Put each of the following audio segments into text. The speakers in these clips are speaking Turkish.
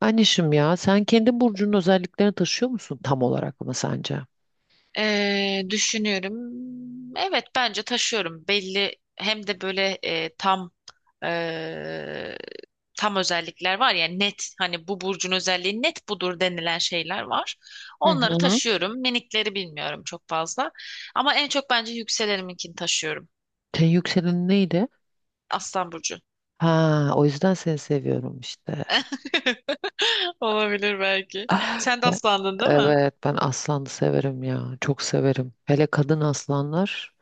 Anişim, ya sen kendi burcunun özelliklerini taşıyor musun, tam olarak mı sence? Düşünüyorum. Evet bence taşıyorum. Belli hem de böyle e, tam özellikler var ya, net, hani bu burcun özelliği net budur denilen şeyler var. Hı Onları hı. taşıyorum. Minikleri bilmiyorum çok fazla. Ama en çok bence yükseleninkini taşıyorum. Senin yükselenin neydi? Aslan burcu. Ha, o yüzden seni seviyorum işte. Olabilir belki. Ah. Sen de aslandın değil mi? Evet, ben aslanı severim ya. Çok severim. Hele kadın aslanlar,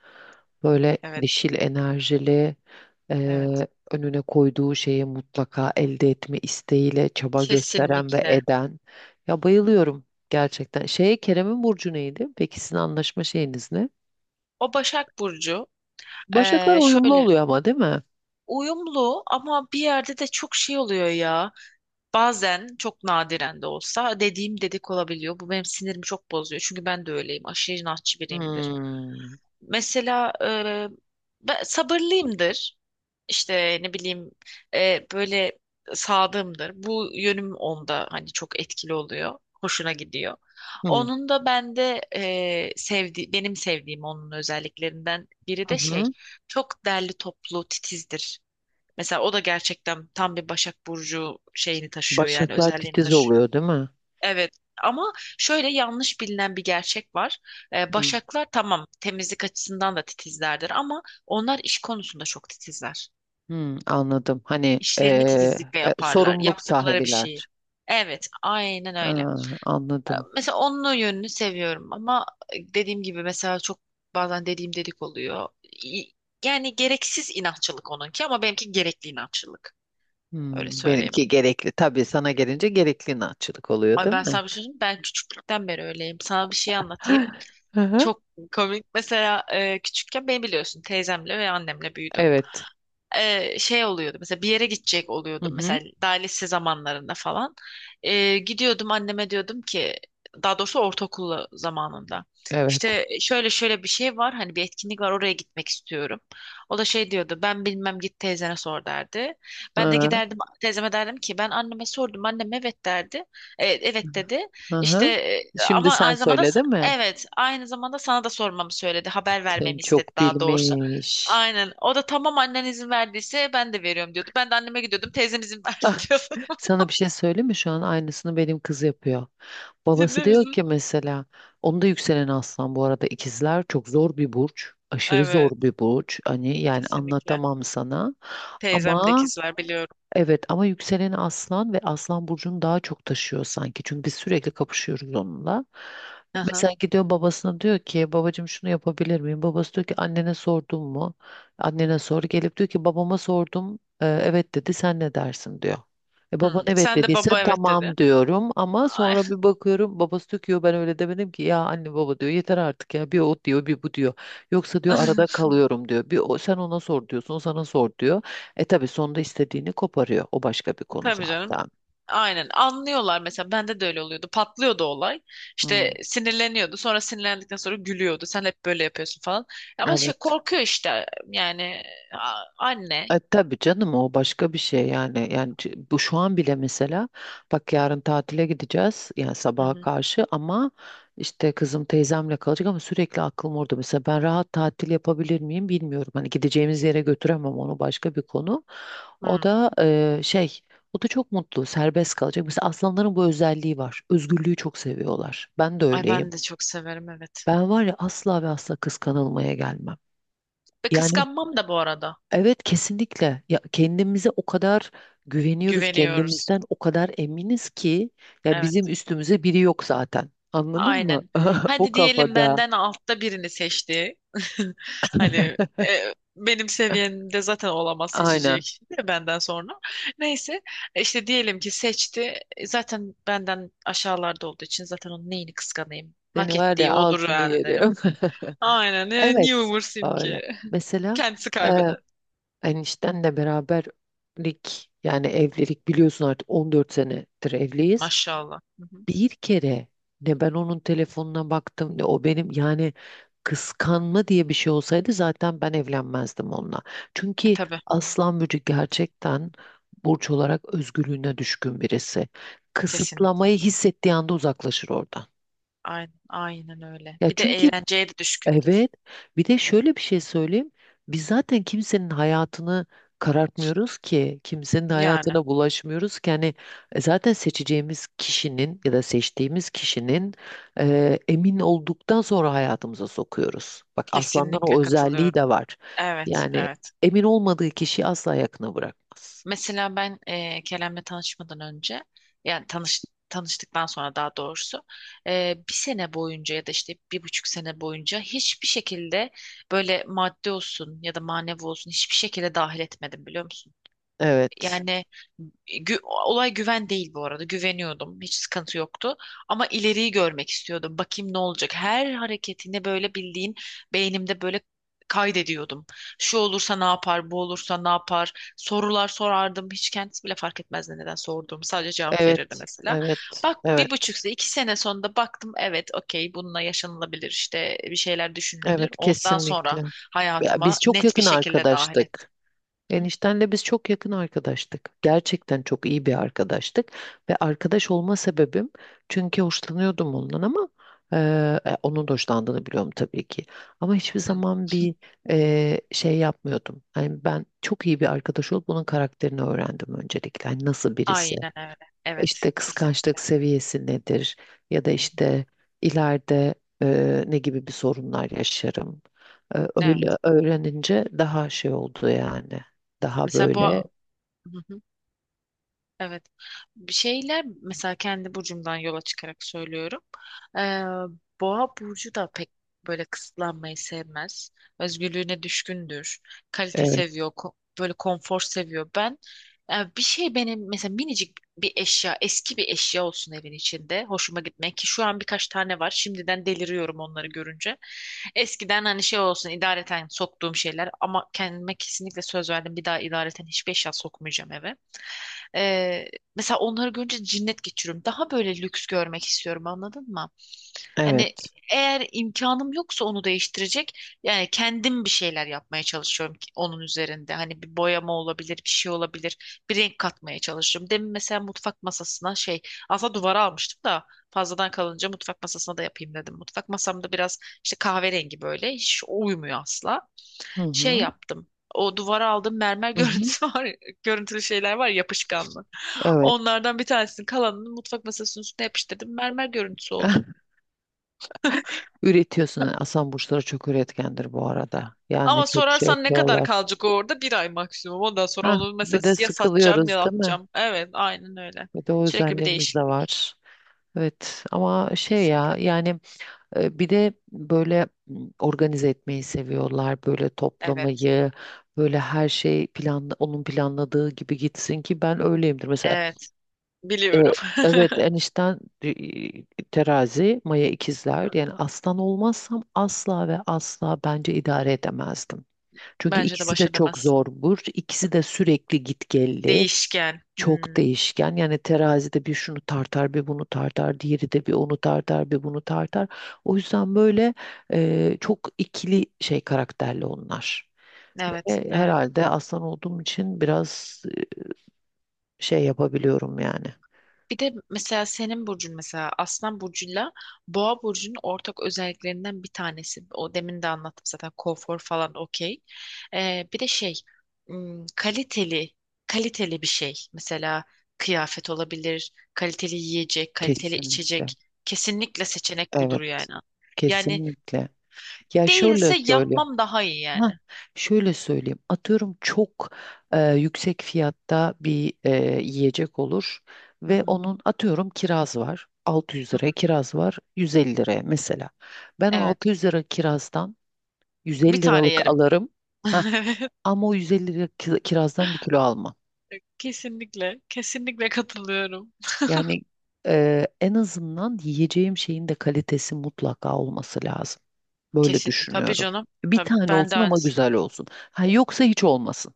böyle Evet. dişil enerjili, Evet. eee, önüne koyduğu şeyi mutlaka elde etme isteğiyle çaba gösteren ve Kesinlikle. eden. Ya bayılıyorum gerçekten. Şey, Kerem'in burcu neydi? Peki sizin anlaşma şeyiniz ne? O Başak Burcu. Başaklar uyumlu Şöyle, oluyor ama, değil mi? uyumlu ama bir yerde de çok şey oluyor ya. Bazen çok nadiren de olsa dediğim dedik olabiliyor. Bu benim sinirimi çok bozuyor. Çünkü ben de öyleyim. Aşırı inatçı biriyimdir. Hmm. Mesela ben sabırlıyımdır. İşte ne bileyim, böyle sadığımdır. Bu yönüm onda hani çok etkili oluyor. Hoşuna gidiyor. Hmm. Onun da bende benim sevdiğim onun özelliklerinden biri Hı de şey, hı. çok derli toplu titizdir. Mesela o da gerçekten tam bir Başak Burcu şeyini taşıyor, yani Başaklar özelliğini titiz taşıyor. oluyor değil mi? Evet, ama şöyle yanlış bilinen bir gerçek var. Hmm. Başaklar, tamam, temizlik açısından da titizlerdir ama onlar iş konusunda çok titizler. Hmm, anladım. Hani İşlerini titizlikle yaparlar. sorumluluk Yaptıkları bir şeyi. sahibiler. Evet, aynen öyle. Aa, anladım. Mesela onun o yönünü seviyorum ama dediğim gibi mesela çok, bazen dediğim dedik oluyor. İ- Yani gereksiz inatçılık onunki ama benimki gerekli inatçılık. Öyle Hmm, söyleyeyim. benimki gerekli. Tabii sana gelince gerekli inatçılık oluyor, Ay, değil ben mi? sana bir şey söyleyeyim mi? Ben küçüklükten beri öyleyim. Sana bir şey anlatayım. Hı hı. Çok komik. Mesela küçükken beni biliyorsun, teyzemle ve annemle büyüdüm. Evet. Şey oluyordu, mesela bir yere gidecek Hı oluyordum, mesela hı, daha lise zamanlarında falan. Gidiyordum anneme diyordum ki, daha doğrusu ortaokul zamanında, evet. işte şöyle şöyle bir şey var, hani bir etkinlik var, oraya gitmek istiyorum. O da şey diyordu, ben bilmem, git teyzene sor, derdi. Ben de Hı giderdim teyzeme, derdim ki ben anneme sordum, annem evet derdi. Evet dedi, hı. Hı. işte, Şimdi ama sen aynı zamanda söyle, değil mi? evet, aynı zamanda sana da sormamı söyledi, haber Sen vermemi istedi çok daha doğrusu. bilmiş. Aynen. O da, tamam annen izin verdiyse ben de veriyorum, diyordu. Ben de anneme gidiyordum. Teyzem izin verdi, Ah, diyordu. sana bir şey söyleyeyim mi? Şu an aynısını benim kız yapıyor. Babası Ciddi diyor misin? ki mesela, onda yükselen aslan. Bu arada ikizler çok zor bir burç. Aşırı zor Evet. bir burç. Hani yani Kesinlikle. anlatamam sana. Teyzemde Ama ikizler, biliyorum. evet, ama yükseleni aslan ve aslan burcunu daha çok taşıyor sanki. Çünkü biz sürekli kapışıyoruz onunla. Aha. Mesela gidiyor babasına, diyor ki babacığım şunu yapabilir miyim? Babası diyor ki annene sordun mu? Annene sor. Gelip diyor ki babama sordum. Evet dedi, sen ne dersin diyor. E, baban Hmm. evet Sen de, dediyse baba evet dedi. tamam diyorum, ama Ay. sonra bir bakıyorum babası diyor ki "Yo, ben öyle demedim ki." Ya anne baba, diyor, yeter artık ya, bir o diyor bir bu diyor. Yoksa diyor arada kalıyorum diyor. Bir o, sen ona sor diyorsun, o sana sor diyor. E tabii sonunda istediğini koparıyor. O başka bir konu Tabii canım. zaten. Aynen, anlıyorlar. Mesela bende de öyle oluyordu, patlıyordu olay. İşte Hmm, sinirleniyordu, sonra sinirlendikten sonra gülüyordu, sen hep böyle yapıyorsun falan. Ama şey, evet. korkuyor işte, yani anne. E tabii canım, o başka bir şey yani. Yani bu şu an bile mesela, bak yarın tatile gideceğiz, yani Hı sabaha hı. karşı, ama işte kızım teyzemle kalacak ama sürekli aklım orada. Mesela ben rahat tatil yapabilir miyim bilmiyorum. Hani gideceğimiz yere götüremem, onu başka bir konu. O Hı. da e, şey o da çok mutlu, serbest kalacak. Mesela aslanların bu özelliği var. Özgürlüğü çok seviyorlar. Ben de Ay öyleyim. ben de çok severim, evet. Ben var ya, asla ve asla kıskanılmaya gelmem. Ve Yani kıskanmam da bu arada. evet, kesinlikle, ya kendimize o kadar güveniyoruz, Güveniyoruz. kendimizden o kadar eminiz ki, ya bizim Evet, üstümüze biri yok zaten. Anladın mı? aynen. O Hadi diyelim kafada. benden altta birini seçti. Hani, benim seviyemde zaten olamaz, Aynen. seçecek de benden sonra. Neyse, işte diyelim ki seçti. Zaten benden aşağılarda olduğu için zaten onun neyini kıskanayım? Seni Hak var ya, ettiği odur, altını yani, yerim. derim. Aynen. Niye Evet, umursayım öyle. ki? Mesela Kendisi e, kaybeder. eniştenle beraberlik, yani evlilik, biliyorsun artık 14 senedir evliyiz. Maşallah. Hı hı. Bir kere ne ben onun telefonuna baktım, ne o benim. Yani kıskanma diye bir şey olsaydı zaten ben evlenmezdim onunla. Çünkü Tabii. Aslan Burcu gerçekten burç olarak özgürlüğüne düşkün birisi. Kesinlikle. Kısıtlamayı hissettiği anda uzaklaşır oradan. Aynen, aynen öyle. Ya Bir de çünkü eğlenceye de düşkündür. evet. Bir de şöyle bir şey söyleyeyim. Biz zaten kimsenin hayatını karartmıyoruz ki, kimsenin Yani. hayatına bulaşmıyoruz ki. Hani zaten seçeceğimiz kişinin ya da seçtiğimiz kişinin, emin olduktan sonra hayatımıza sokuyoruz. Bak aslandan Kesinlikle o özelliği katılıyorum. de var. Evet, Yani evet. emin olmadığı kişiyi asla yakına bırakmaz. Mesela ben Kerem'le tanışmadan önce, yani tanıştıktan sonra daha doğrusu, bir sene boyunca ya da işte bir buçuk sene boyunca hiçbir şekilde, böyle maddi olsun ya da manevi olsun, hiçbir şekilde dahil etmedim, biliyor musun? Evet, Yani olay güven değil bu arada. Güveniyordum. Hiç sıkıntı yoktu. Ama ileriyi görmek istiyordum. Bakayım ne olacak. Her hareketini böyle, bildiğin, beynimde böyle kaydediyordum. Şu olursa ne yapar, bu olursa ne yapar. Sorular sorardım. Hiç kendisi bile fark etmezdi neden sorduğumu. Sadece cevap verirdi evet, mesela. evet, Bak, bir evet, buçuk sene, iki sene sonunda baktım. Evet, okey, bununla yaşanılabilir, işte bir şeyler evet, düşünülebilir. Ondan sonra kesinlikle. Ya biz hayatıma çok net bir yakın şekilde dahil ettim. arkadaştık. Hı? Eniştenle biz çok yakın arkadaştık. Gerçekten çok iyi bir arkadaştık. Ve arkadaş olma sebebim, çünkü hoşlanıyordum ondan, ama e, onun da hoşlandığını biliyorum tabii ki. Ama hiçbir Hı. zaman bir yapmıyordum. Yani ben çok iyi bir arkadaş olup bunun karakterini öğrendim öncelikle. Yani nasıl birisi? Aynen öyle. Evet, İşte kıskançlık kesinlikle. seviyesi nedir, ya da Hı hı. işte ileride ne gibi bir sorunlar yaşarım. E, öyle Evet. öğrenince daha şey oldu yani. Daha Mesela bu. böyle Hı hı. Evet. Bir şeyler mesela kendi burcumdan yola çıkarak söylüyorum. Ee, Boğa burcu da pek böyle kısıtlanmayı sevmez. Özgürlüğüne düşkündür. Kalite evet seviyor. Böyle konfor seviyor. Ben bir şey, benim mesela minicik bir eşya, eski bir eşya olsun evin içinde. Hoşuma gitmek, ki şu an birkaç tane var. Şimdiden deliriyorum onları görünce. Eskiden hani şey olsun, idareten soktuğum şeyler, ama kendime kesinlikle söz verdim. Bir daha idareten hiçbir eşya sokmayacağım eve. Ee, Mesela onları görünce cinnet geçiriyorum. Daha böyle lüks görmek istiyorum, anladın mı? Yani evet. eğer imkanım yoksa onu değiştirecek, yani kendim bir şeyler yapmaya çalışıyorum ki onun üzerinde. Hani bir boyama olabilir, bir şey olabilir. Bir renk katmaya çalışıyorum. Demin mesela mutfak masasına şey, aslında duvara almıştım da fazladan kalınca mutfak masasına da yapayım dedim. Mutfak masamda biraz işte kahverengi, böyle hiç uymuyor asla. Hı Şey hı, yaptım. O duvara aldığım mermer hı hı, görüntüsü var, görüntülü şeyler var, yapışkanlı. evet. Onlardan bir tanesini, kalanını mutfak masasının üstüne yapıştırdım. Mermer görüntüsü oldu. Üretiyorsun. Aslan burçları çok üretkendir bu arada. Yani Ama çok şey sorarsan ne kadar yapıyorlar. kalacak o orada? Bir ay maksimum. Ondan sonra Hah, onu mesela bir de ya satacağım sıkılıyoruz ya değil mi? atacağım. Evet, aynen öyle. Bir de o Sürekli bir özelliğimiz de değişiklik. var. Evet ama şey Kesinlikle. ya yani. E, bir de böyle organize etmeyi seviyorlar, böyle Evet. toplamayı, böyle her şey planla, onun planladığı gibi gitsin ki, ben öyleyimdir. Mesela Evet. e, Biliyorum. evet, enişten terazi, Maya ikizler. Yani aslan olmazsam asla ve asla bence idare edemezdim. Çünkü Bence de ikisi baş de çok edemezsin. zor burç, ikisi de sürekli gitgelli, Değişken. çok Hmm. değişken. Yani terazide bir şunu tartar, bir bunu tartar, diğeri de bir onu tartar, bir bunu tartar. O yüzden böyle çok ikili şey karakterli onlar. Evet. Ve Evet. herhalde aslan olduğum için biraz yapabiliyorum yani. Bir de mesela senin burcun, mesela Aslan burcuyla Boğa burcunun ortak özelliklerinden bir tanesi. O demin de anlattım zaten, konfor falan, okey. Bir de şey, kaliteli, kaliteli bir şey. Mesela kıyafet olabilir, kaliteli yiyecek, kaliteli Kesinlikle. içecek. Kesinlikle seçenek budur Evet, yani. Yani kesinlikle. Ya şöyle değilse söylüyorum. yapmam daha iyi Ha, yani. şöyle söyleyeyim. Atıyorum çok yüksek fiyatta bir yiyecek olur, Hı ve hı, onun atıyorum kiraz var. 600 hı liraya hı. kiraz var, 150 liraya mesela. Ben o Evet. 600 lira kirazdan Bir 150 tane liralık yerim. alırım. Ha, ama o 150 lira kirazdan bir kilo almam. Evet. Kesinlikle. Kesinlikle katılıyorum. Yani en azından yiyeceğim şeyin de kalitesi mutlaka olması lazım. Böyle Kesin, tabii düşünüyorum. canım. Bir Tabii, tane ben de olsun ama aynısını. güzel olsun. Ha, yoksa hiç olmasın.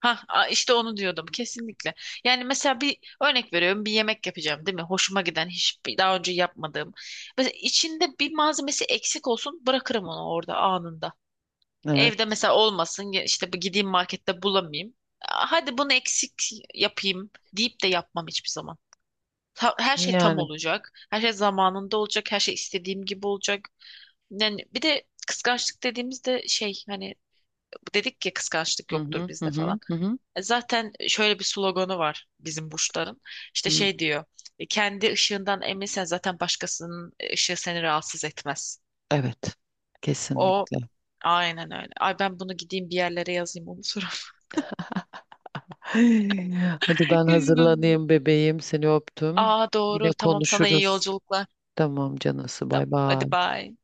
Ha, işte onu diyordum, kesinlikle. Yani mesela bir örnek veriyorum, bir yemek yapacağım değil mi? Hoşuma giden, hiçbir daha önce yapmadığım. Mesela içinde bir malzemesi eksik olsun, bırakırım onu orada anında. Evet. Evde mesela olmasın ya, işte bu, gideyim markette bulamayayım. Aa, hadi bunu eksik yapayım deyip de yapmam hiçbir zaman. Her şey tam Yani. olacak. Her şey zamanında olacak. Her şey istediğim gibi olacak. Yani bir de kıskançlık dediğimizde şey, hani dedik ya, kıskançlık Hı yoktur hı hı bizde hı falan. hı. Hı. Zaten şöyle bir sloganı var bizim burçların. İşte Hı. şey diyor. Kendi ışığından eminsen zaten başkasının ışığı seni rahatsız etmez. Evet. O Kesinlikle. aynen öyle. Ay, ben bunu gideyim bir yerlere yazayım, onu unuturum. Hadi ben hazırlanayım bebeğim. Seni öptüm. Aa, Yine doğru. Tamam, sana iyi konuşuruz. yolculuklar. Tamam canısı. Bay Tamam. Hadi, bay. bye.